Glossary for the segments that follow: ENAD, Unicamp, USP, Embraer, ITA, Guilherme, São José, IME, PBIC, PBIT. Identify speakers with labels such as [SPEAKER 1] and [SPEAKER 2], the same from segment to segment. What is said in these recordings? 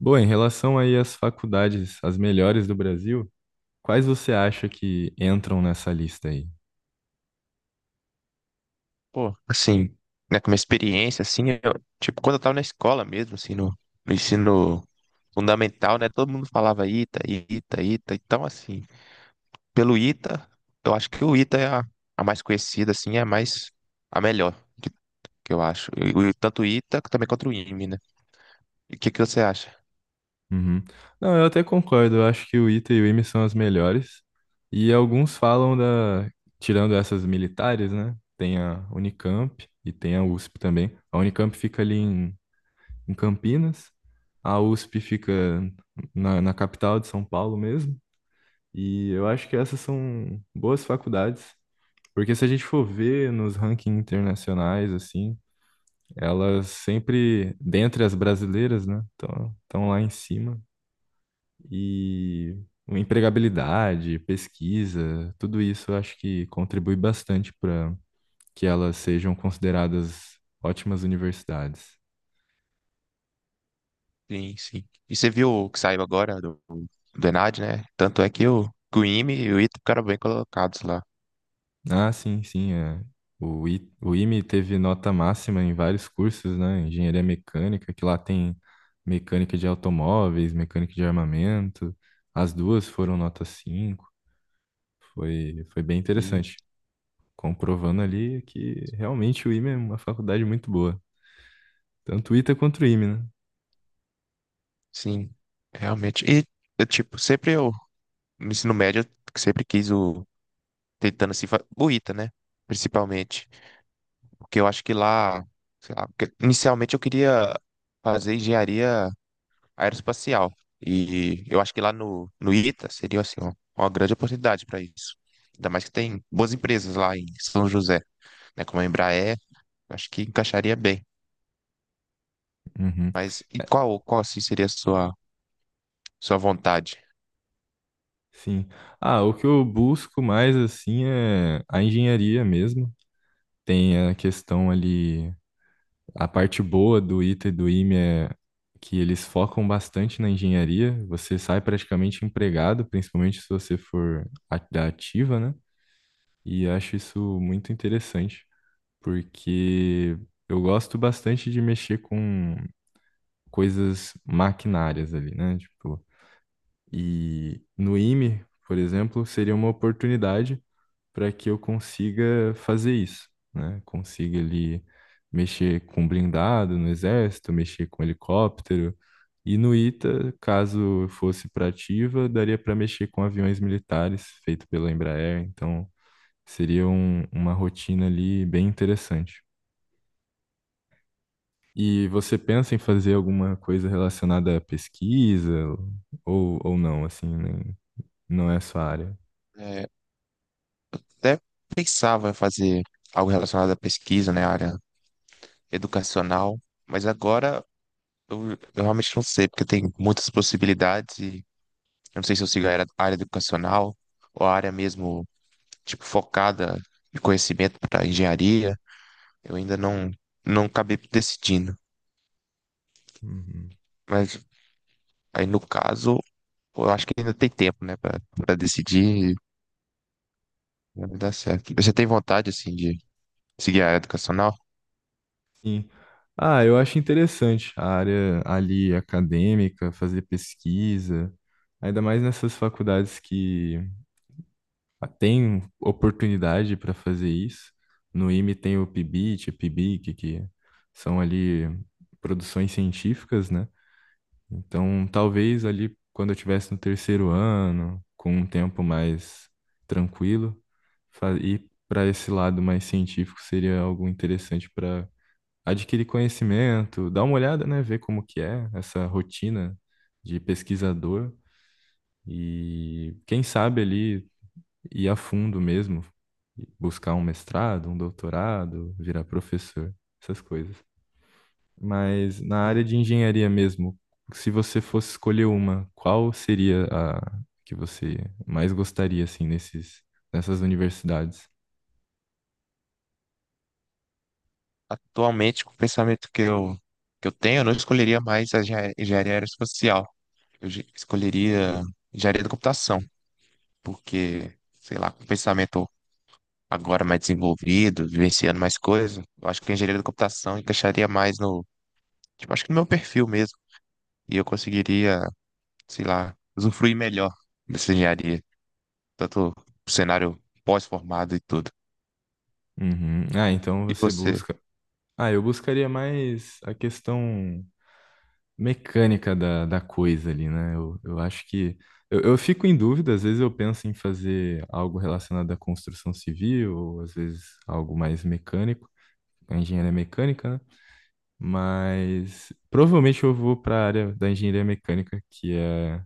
[SPEAKER 1] Bom, em relação aí às faculdades, as melhores do Brasil, quais você acha que entram nessa lista aí?
[SPEAKER 2] Pô, assim, né, com uma experiência, assim, tipo, quando eu tava na escola mesmo, assim, no ensino fundamental, né, todo mundo falava ITA, ITA, ITA, então, assim, pelo ITA, eu acho que o ITA é a mais conhecida, assim, é a mais, a melhor, que, que eu acho. Tanto o ITA também quanto o IME, né, e o que que você acha?
[SPEAKER 1] Uhum. Não, eu até concordo. Eu acho que o ITA e o IME são as melhores. E alguns falam da, tirando essas militares, né? Tem a Unicamp e tem a USP também. A Unicamp fica ali em Campinas. A USP fica na capital de São Paulo mesmo. E eu acho que essas são boas faculdades, porque se a gente for ver nos rankings internacionais, assim, elas sempre, dentre as brasileiras, né, estão lá em cima. E empregabilidade, pesquisa, tudo isso eu acho que contribui bastante para que elas sejam consideradas ótimas universidades.
[SPEAKER 2] Sim, sim, e você viu o que saiu agora do ENAD, né, tanto é que o IME e o ITA ficaram bem colocados lá,
[SPEAKER 1] Ah, sim, sim. É. O IME teve nota máxima em vários cursos, né? Engenharia mecânica, que lá tem mecânica de automóveis, mecânica de armamento. As duas foram nota 5. Foi bem
[SPEAKER 2] sim,
[SPEAKER 1] interessante, comprovando ali que realmente o IME é uma faculdade muito boa. Tanto o ITA quanto o IME, né?
[SPEAKER 2] sim, realmente, e, eu, tipo, sempre eu no ensino médio, eu sempre quis o. Tentando se. Fa- buita né? Principalmente. Porque eu acho que lá. Sei lá, porque inicialmente eu queria fazer engenharia aeroespacial. E eu acho que lá no ITA seria assim, ó, uma grande oportunidade para isso. Ainda mais que tem boas empresas lá em São José, né? Como a Embraer, eu acho que encaixaria bem.
[SPEAKER 1] Uhum,
[SPEAKER 2] Mas e qual assim seria a sua vontade?
[SPEAKER 1] sim. Ah, o que eu busco mais, assim, é a engenharia mesmo. Tem a questão ali. A parte boa do ITA e do IME é que eles focam bastante na engenharia. Você sai praticamente empregado, principalmente se você for da ativa, né? E acho isso muito interessante, porque eu gosto bastante de mexer com coisas maquinárias ali, né? Tipo, e no IME, por exemplo, seria uma oportunidade para que eu consiga fazer isso, né? Consiga ali mexer com blindado no exército, mexer com helicóptero. E no ITA, caso fosse para ativa, daria para mexer com aviões militares feito pela Embraer. Então, seria uma rotina ali bem interessante. E você pensa em fazer alguma coisa relacionada à pesquisa ou não, assim, não é a sua área?
[SPEAKER 2] É, até pensava em fazer algo relacionado à pesquisa, né? Área educacional, mas agora eu realmente não sei, porque tem muitas possibilidades e eu não sei se eu sigo a área educacional ou a área mesmo, tipo, focada de conhecimento para engenharia. Eu ainda não, não acabei decidindo,
[SPEAKER 1] Uhum.
[SPEAKER 2] mas aí no caso, eu acho que ainda tem tempo, né, para decidir e vai dar certo. Você tem vontade, assim, de seguir a área educacional?
[SPEAKER 1] Sim. Ah, eu acho interessante a área ali acadêmica, fazer pesquisa, ainda mais nessas faculdades que têm oportunidade para fazer isso. No IME tem o PBIT, PBIC, que são ali produções científicas, né? Então, talvez ali quando eu estivesse no terceiro ano, com um tempo mais tranquilo, ir para esse lado mais científico seria algo interessante adquirir conhecimento, dar uma olhada, né, ver como que é essa rotina de pesquisador e quem sabe ali ir a fundo mesmo, buscar um mestrado, um doutorado, virar professor, essas coisas. Mas na área
[SPEAKER 2] Sim.
[SPEAKER 1] de engenharia mesmo, se você fosse escolher uma, qual seria a que você mais gostaria assim nesses nessas universidades?
[SPEAKER 2] Atualmente, com o pensamento que eu tenho, eu não escolheria mais a engenharia aeroespacial. Escolheria engenharia da computação, porque, sei lá, com o pensamento agora mais desenvolvido, vivenciando mais coisas, eu acho que a engenharia da computação encaixaria mais no, tipo, acho que no meu perfil mesmo. E eu conseguiria, sei lá, usufruir melhor dessa engenharia, tanto o cenário pós-formado e tudo.
[SPEAKER 1] Uhum. Ah, então
[SPEAKER 2] E
[SPEAKER 1] você
[SPEAKER 2] você?
[SPEAKER 1] busca. Ah, eu buscaria mais a questão mecânica da coisa ali, né? Eu acho que. Eu fico em dúvida, às vezes eu penso em fazer algo relacionado à construção civil, ou às vezes algo mais mecânico, a engenharia mecânica, né? Mas provavelmente eu vou para a área da engenharia mecânica, que é.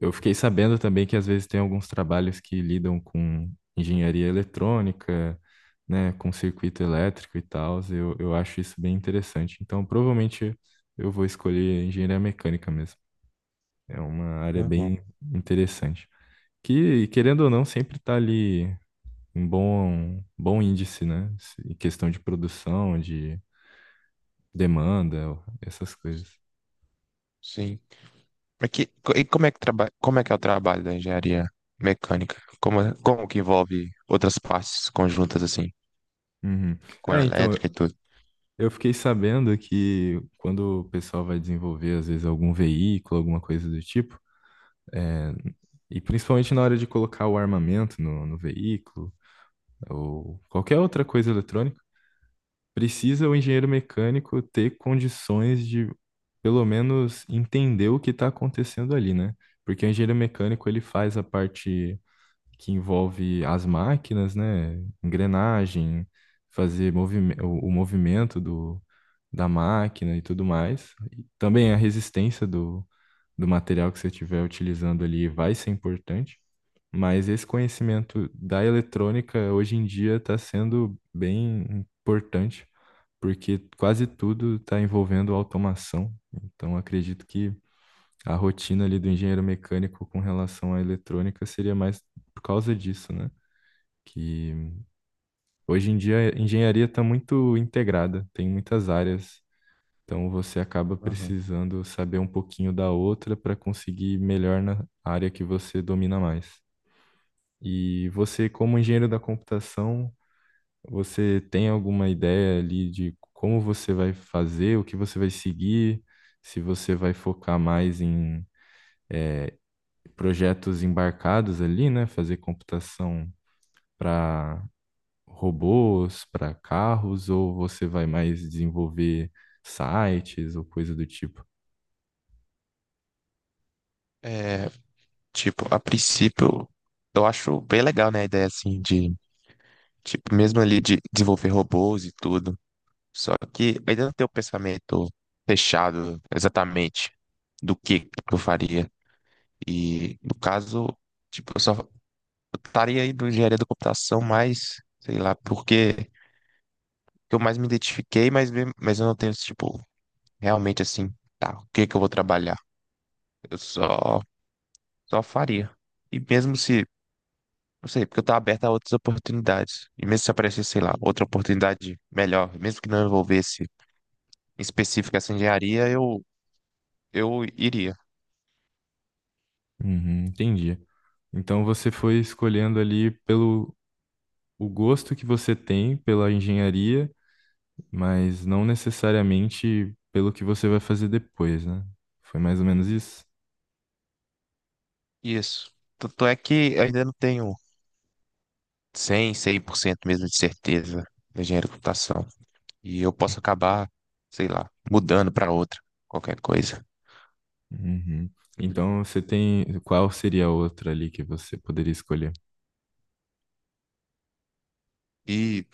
[SPEAKER 1] Eu fiquei sabendo também que às vezes tem alguns trabalhos que lidam com engenharia eletrônica, né, com circuito elétrico e tal. Eu acho isso bem interessante. Então, provavelmente eu vou escolher engenharia mecânica mesmo. É uma área
[SPEAKER 2] Uhum,
[SPEAKER 1] bem interessante. Que, querendo ou não, sempre está ali um bom, bom índice, né? Em questão de produção, de demanda, essas coisas.
[SPEAKER 2] sim. Mas e como é que trabalha, como é que é o trabalho da engenharia mecânica? Como que envolve outras partes conjuntas assim,
[SPEAKER 1] Uhum.
[SPEAKER 2] com a
[SPEAKER 1] É, então,
[SPEAKER 2] elétrica e
[SPEAKER 1] eu
[SPEAKER 2] tudo?
[SPEAKER 1] eu fiquei sabendo que quando o pessoal vai desenvolver, às vezes, algum veículo, alguma coisa do tipo, e principalmente na hora de colocar o armamento no veículo, ou qualquer outra coisa eletrônica, precisa o engenheiro mecânico ter condições de, pelo menos, entender o que está acontecendo ali, né? Porque o engenheiro mecânico ele faz a parte que envolve as máquinas, né? Engrenagem, fazer o movimento da máquina e tudo mais. E também a resistência do material que você estiver utilizando ali vai ser importante. Mas esse conhecimento da eletrônica hoje em dia está sendo bem importante, porque quase tudo está envolvendo automação. Então, acredito que a rotina ali do engenheiro mecânico com relação à eletrônica seria mais por causa disso, né? Que hoje em dia a engenharia está muito integrada, tem muitas áreas. Então, você acaba precisando saber um pouquinho da outra para conseguir melhor na área que você domina mais. E você, como engenheiro da computação, você tem alguma ideia ali de como você vai fazer, o que você vai seguir, se você vai focar mais em projetos embarcados ali, né? Fazer computação para robôs, para carros, ou você vai mais desenvolver sites ou coisa do tipo?
[SPEAKER 2] É, tipo, a princípio, eu acho bem legal, né, a ideia, assim, de, tipo, mesmo ali de desenvolver robôs e tudo. Só que eu ainda não tenho o pensamento fechado exatamente do que eu faria. E, no caso, tipo, eu estaria aí em engenharia da computação mais, sei lá, porque eu mais me identifiquei, mas eu não tenho, tipo, realmente, assim, tá, o que que eu vou trabalhar? Eu só, só faria. E mesmo se não sei, porque eu tô aberto a outras oportunidades. E mesmo se aparecesse, sei lá, outra oportunidade melhor, mesmo que não envolvesse em específico essa engenharia, eu iria.
[SPEAKER 1] Uhum, entendi. Então você foi escolhendo ali pelo o gosto que você tem pela engenharia mas não necessariamente pelo que você vai fazer depois, né? Foi mais ou menos isso?
[SPEAKER 2] Isso. Tanto é que eu ainda não tenho cem por cento mesmo de certeza da engenharia de computação. E eu posso acabar, sei lá, mudando para outra, qualquer coisa.
[SPEAKER 1] Uhum. Então você tem. Qual seria a outra ali que você poderia escolher?
[SPEAKER 2] E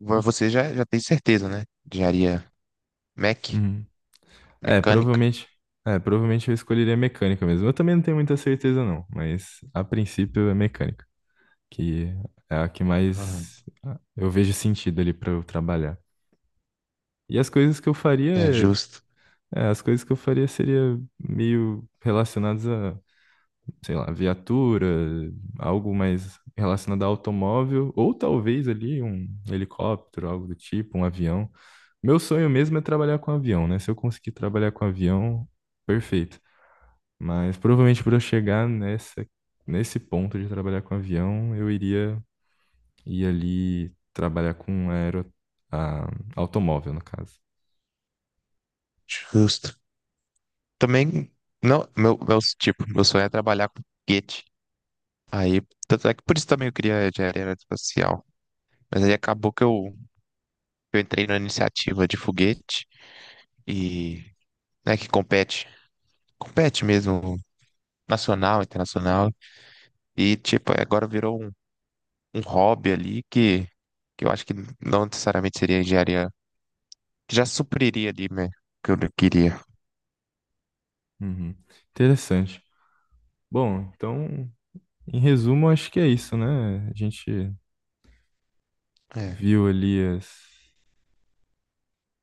[SPEAKER 2] você já tem certeza, né? Engenharia mec,
[SPEAKER 1] Uhum. É,
[SPEAKER 2] mecânica.
[SPEAKER 1] provavelmente. É, provavelmente eu escolheria mecânica mesmo. Eu também não tenho muita certeza, não, mas a princípio é mecânica, que é a que
[SPEAKER 2] Aham.
[SPEAKER 1] mais eu vejo sentido ali para eu trabalhar. E as coisas que eu
[SPEAKER 2] É
[SPEAKER 1] faria,
[SPEAKER 2] justo,
[SPEAKER 1] é, as coisas que eu faria seria meio relacionadas a sei lá, viatura, algo mais relacionado a automóvel, ou talvez ali um helicóptero, algo do tipo, um avião. Meu sonho mesmo é trabalhar com avião, né? Se eu conseguir trabalhar com avião, perfeito. Mas provavelmente para eu chegar nesse ponto de trabalhar com avião, eu iria ir ali trabalhar com aero, a- automóvel, no caso.
[SPEAKER 2] justo. Também, não, tipo, meu sonho é trabalhar com foguete. Aí, tanto é que por isso também eu queria engenharia aeroespacial. Mas aí acabou que eu entrei na iniciativa de foguete e, né, que compete, compete mesmo, nacional, internacional. E, tipo, agora virou um, um hobby ali que eu acho que não necessariamente seria engenharia, que já supriria ali, né, o que eu queria.
[SPEAKER 1] Uhum. Interessante. Bom, então, em resumo, acho que é isso, né? A gente viu ali as,